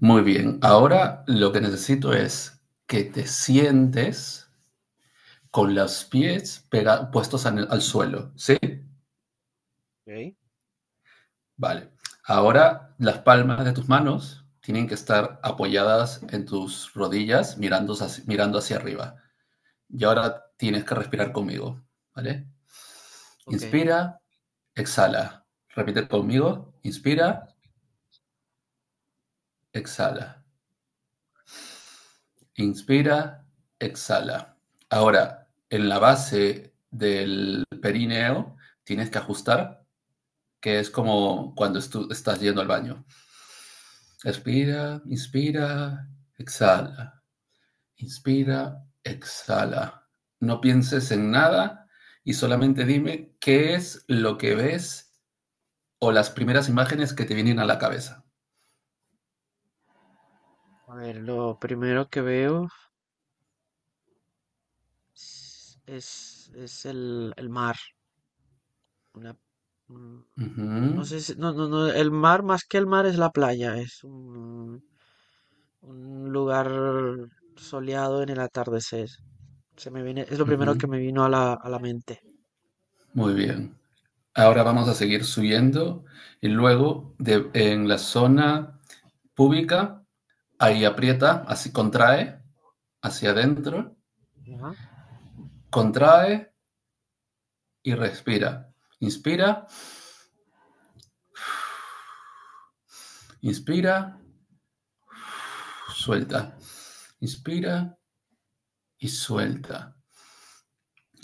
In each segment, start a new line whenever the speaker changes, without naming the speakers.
Muy bien, ahora lo que necesito es que te sientes con los pies puestos al suelo, ¿sí?
Ok.
Vale. Ahora las palmas de tus manos tienen que estar apoyadas en tus rodillas mirando hacia arriba. Y ahora tienes que respirar conmigo, ¿vale?
Ok,
Inspira, exhala. Repite conmigo, inspira, exhala. Inspira, exhala. Ahora, en la base del perineo tienes que ajustar, que es como cuando estás yendo al baño. Expira, inspira, exhala. Inspira, exhala. No pienses en nada y solamente dime qué es lo que ves o las primeras imágenes que te vienen a la cabeza.
a ver, lo primero que veo es el mar. Una, un-
Uh
no
-huh,
sé no, el mar más que el mar es la playa, es un lugar soleado en el atardecer. Se me viene, es lo
uh
primero
-huh.
que me vino a la mente.
Muy bien. Ahora vamos a seguir subiendo y luego en la zona pública, ahí aprieta, así contrae hacia adentro,
Ajá.
contrae y respira. Inspira, inspira, suelta. Inspira y suelta.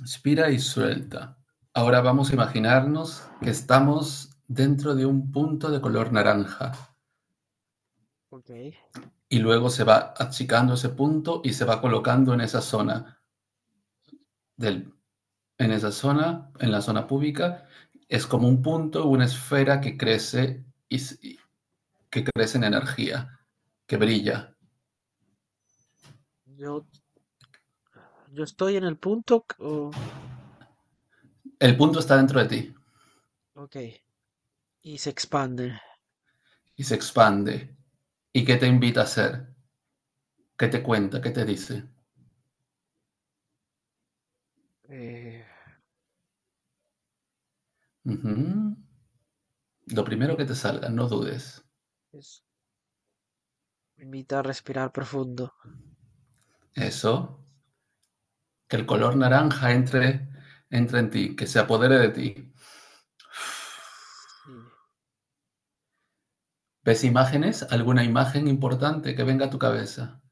Inspira y suelta. Ahora vamos a imaginarnos que estamos dentro de un punto de color naranja
Ok.
y luego se va achicando ese punto y se va colocando en esa zona del en esa zona, en la zona pública, es como un punto, una esfera que crece y que crece en energía, que brilla.
Yo, yo estoy en el punto,
El punto está dentro de ti
ok, y se expande.
y se expande. ¿Y qué te
Ok.
invita a hacer? ¿Qué te cuenta? ¿Qué te dice?
eh,
Ujú. Lo primero que te salga, no dudes.
es- Me invita a respirar profundo.
Eso, que el color naranja entre en ti, que se apodere de ti.
Sí.
¿Ves
eh,
imágenes? ¿Alguna imagen importante que venga a tu cabeza?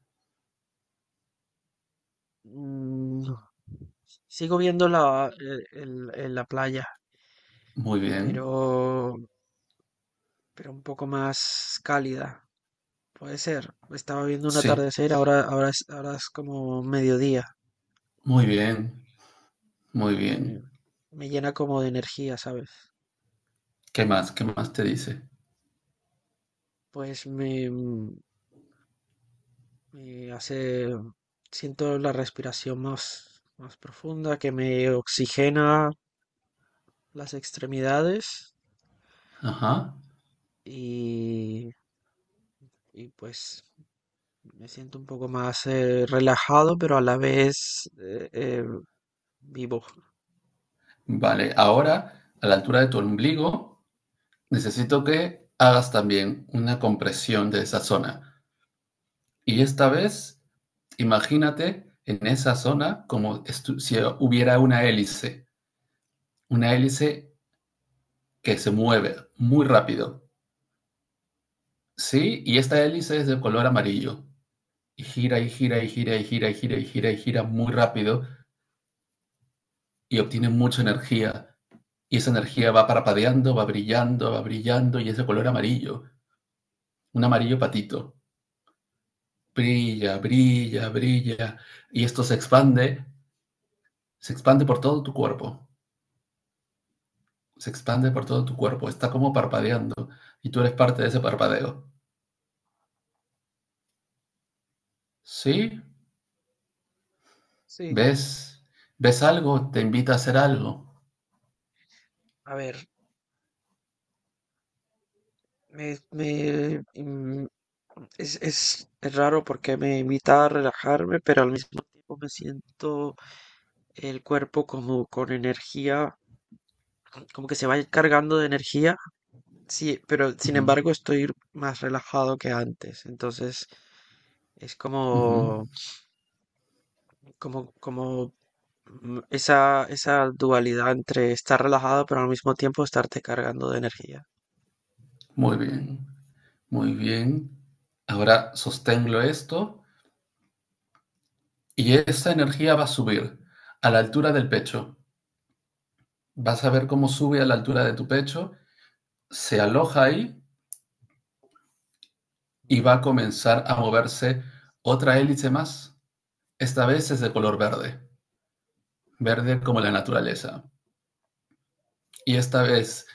mm, Sigo viendo la, la playa,
Muy bien.
pero, pero un poco más cálida. Puede ser. Estaba viendo un
Sí,
atardecer, ahora, ahora es como mediodía
muy bien, muy
y
bien.
me llena como de energía, ¿sabes?
¿Qué más? ¿Qué más te dice?
Pues me hace, siento la respiración más, más profunda, que me oxigena las extremidades
Ajá.
y, y pues me siento un poco más relajado, pero a la vez vivo.
Vale, ahora, a la altura de tu ombligo, necesito que hagas también una compresión de esa zona. Y esta vez, imagínate en esa zona como si hubiera una hélice que se mueve muy rápido. Sí, y esta hélice es de color amarillo. Y gira y gira y gira y gira y gira y gira y gira muy rápido y obtiene mucha energía. Y esa energía va parpadeando, va brillando y es de color amarillo, un amarillo patito. Brilla, brilla, brilla. Y esto se expande por todo tu cuerpo, se expande por todo tu cuerpo, está como parpadeando y tú eres parte de ese parpadeo. ¿Sí?
Sí,
¿Ves? ¿Ves algo? ¿Te invita a hacer algo?
a ver, me, me, mm, es raro porque me invita a relajarme, pero al mismo tiempo me siento el cuerpo como con energía, como que se va cargando de energía. Sí, pero
Uh
sin
-huh,
embargo estoy más relajado que antes. Entonces es
uh -huh.
como esa, esa dualidad entre estar relajado pero al mismo tiempo estarte cargando de energía.
Muy bien, muy bien. Ahora sostengo esto. Y esa energía va a subir a la altura del pecho. Vas a ver cómo sube a la altura de tu pecho, se aloja ahí y
Ajá.
va a comenzar a moverse otra hélice más. Esta vez es de color verde, verde como la naturaleza. Y esta vez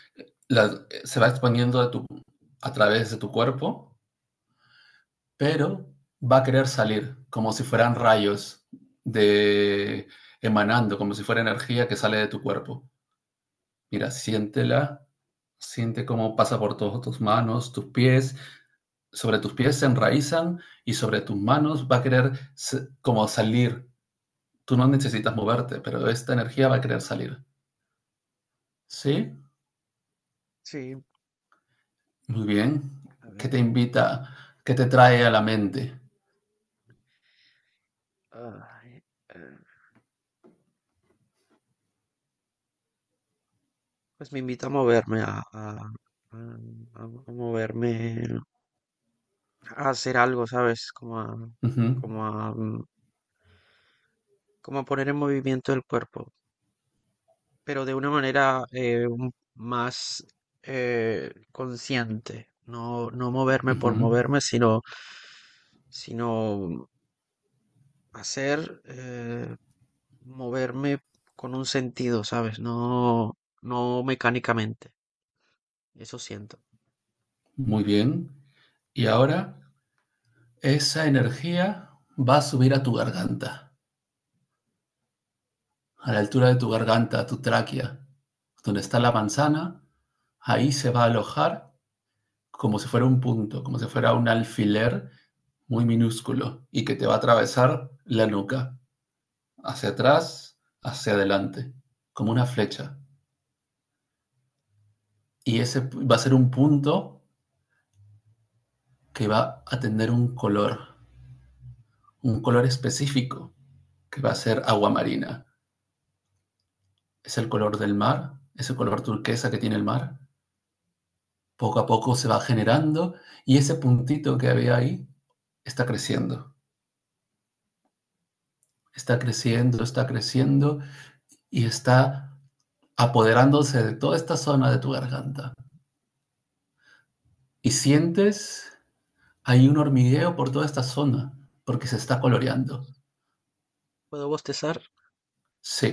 se va exponiendo a través de tu cuerpo, pero va a querer salir como si fueran rayos de emanando, como si fuera energía que sale de tu cuerpo. Mira, siéntela, siente cómo pasa por todas tus manos, tus pies, sobre tus pies se enraizan y sobre tus manos va a querer como salir. Tú no necesitas moverte, pero esta energía va a querer salir. ¿Sí?
Sí,
Muy bien.
a
¿Qué
ver.
te invita? ¿Qué te trae a la mente?
Ay, eh, pues me invita a moverme, a- a moverme, a hacer algo, ¿sabes? Como
Ujú,
como a, mm, como a poner en movimiento el cuerpo, pero de una manera más consciente. No, no moverme por
ujú.
moverme, sino hacer, moverme con un sentido, ¿sabes? No, no mecánicamente. Eso siento.
Muy bien. Y ahora esa energía va a subir a tu garganta, a la altura de tu garganta, tu tráquea, donde está la manzana, ahí se va a alojar como si fuera un punto, como si fuera un alfiler muy minúsculo y que te va a atravesar la nuca, hacia atrás, hacia adelante, como una flecha. Y ese va a ser un punto que va a tener un color específico, que va a ser agua marina. Es el color del mar, es el color turquesa que tiene el mar, poco a poco se va generando y ese puntito que había ahí está creciendo, está creciendo, está creciendo y está apoderándose de toda esta zona de tu garganta. Y sientes, hay un hormigueo por toda esta zona porque se está coloreando.
¿Puedo bostezar?
Sí,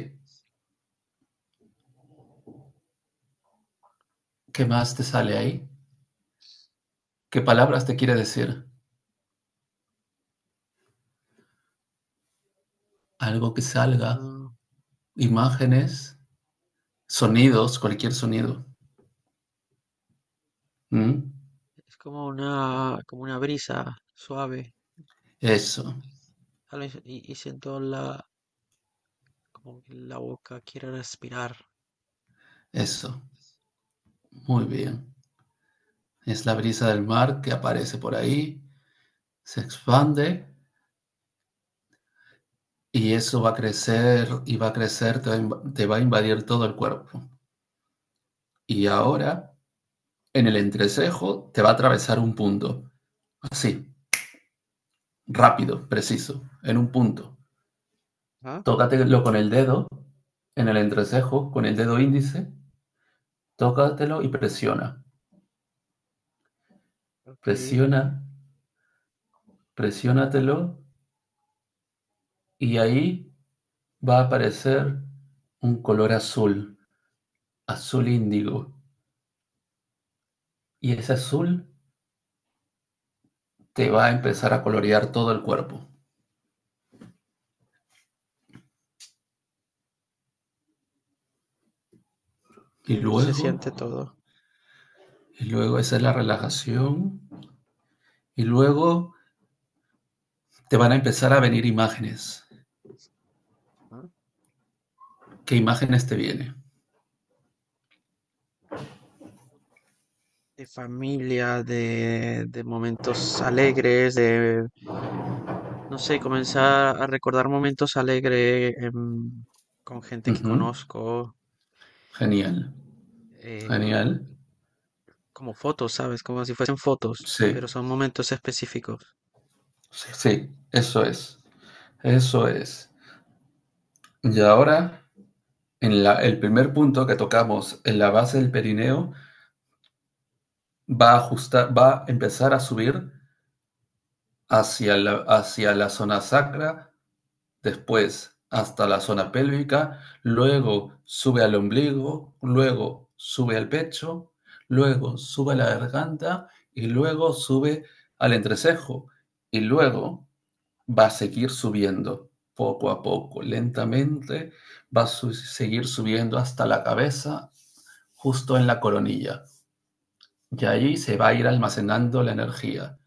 ¿qué más te
No,
sale ahí? ¿Qué palabras te quiere decir? Algo que salga,
no.
imágenes, sonidos, cualquier sonido. ¿Mm?
Es como una brisa suave,
Eso,
¿sale? Y siento la, como que la boca quiere respirar.
eso, muy bien. Es la brisa del mar que aparece por ahí, se expande y eso va a crecer y va a crecer, te va a te va a invadir todo el cuerpo. Y ahora, en el entrecejo, te va a atravesar un punto. Así, rápido, preciso, en un punto.
Ah,
Tócatelo con el dedo, en el entrecejo, con el dedo índice, tócatelo y presiona.
ok.
Presiona, presiónatelo y ahí va a aparecer un color azul, azul índigo. Y ese azul te va a
Ajá.
empezar a colorear todo el cuerpo. Y
Qué bien se
luego,
siente todo.
y luego esa es la relajación. Y luego te van a empezar a venir imágenes.
¿Ah?
¿Qué imágenes te vienen?
De familia, de momentos alegres, de, no sé, comenzar a recordar momentos alegres con gente que
Ujú.
conozco,
Genial,
eh,
genial.
como fotos, ¿sabes? Como si fuesen fotos,
Sí,
pero son momentos específicos.
sí, sí, eso es, eso es. Y ahora, en el primer punto que tocamos, en la base del perineo, va a ajustar, va a empezar a subir hacia la zona sacra, después hasta la zona pélvica, luego sube al ombligo, luego sube al pecho, luego sube a la garganta y luego sube al entrecejo y luego va a seguir subiendo poco a poco, lentamente va a seguir subiendo hasta la cabeza, justo en la coronilla. Y ahí se va a ir almacenando la energía.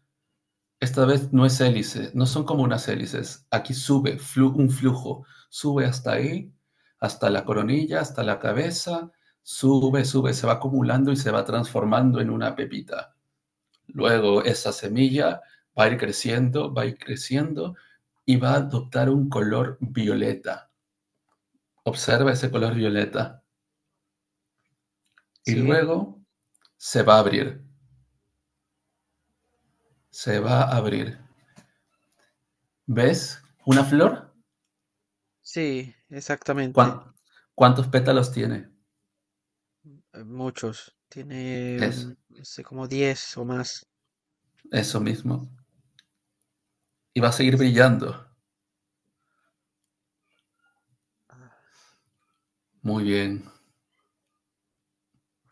Esta vez no es hélice, no son como unas hélices. Aquí sube un flujo, sube hasta ahí, hasta la coronilla, hasta la cabeza, sube, sube, se va acumulando y se va transformando en una pepita. Luego esa semilla va a ir creciendo, va a ir creciendo y va a adoptar un color violeta. Observa ese
Ajá.
color violeta. Y
Sí.
luego se va a abrir, se va a abrir. ¿Ves? ¿Una flor?
Sí, exactamente.
¿Cuántos pétalos tiene?
Muchos. Tiene,
Eso.
no sé, como 10 o más
Eso mismo. Y va a seguir
extra.
brillando.
Ah,
Muy bien.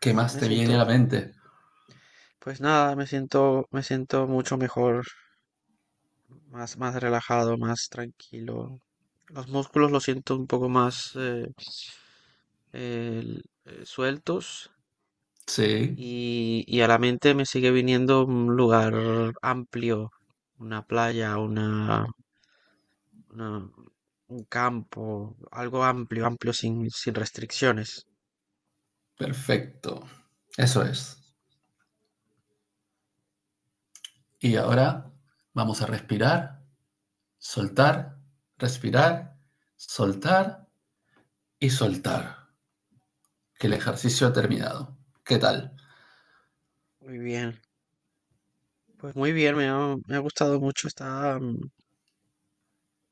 ¿Qué
ya
más
me
te viene a
siento,
la mente?
pues nada, me siento mucho mejor, más, más relajado, más tranquilo. Los músculos los siento un poco más sueltos
Sí,
y a la mente me sigue viniendo un lugar amplio, una playa, una- un campo, algo amplio, amplio, sin, sin restricciones.
perfecto. Eso es. Y ahora vamos a soltar, respirar, soltar y soltar. Que el ejercicio ha terminado. ¿Qué tal?
Muy bien, pues muy bien, me ha gustado mucho. Está,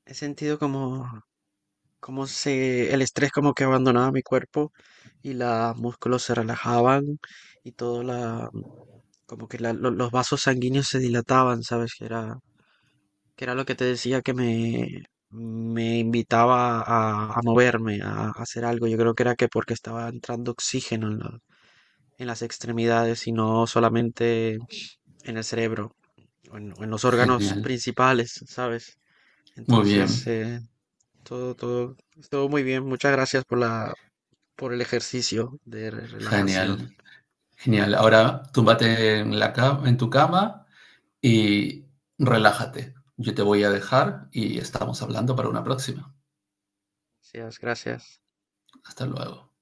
he sentido como se, el estrés como que abandonaba mi cuerpo y los músculos se relajaban y todo como que los vasos sanguíneos se dilataban, ¿sabes? Que era lo que te decía que me invitaba a moverme, a hacer algo. Yo creo que era que porque estaba entrando oxígeno en las extremidades, sino solamente en el cerebro o en los órganos
Genial.
principales, ¿sabes?
Muy
Entonces,
bien.
todo, todo, todo muy bien. Muchas gracias por la, por el ejercicio de relajación.
Genial. Genial. Ahora túmbate la cama , en tu cama, y relájate. Yo te voy a dejar y estamos hablando para una próxima.
Gracias, gracias.
Hasta luego.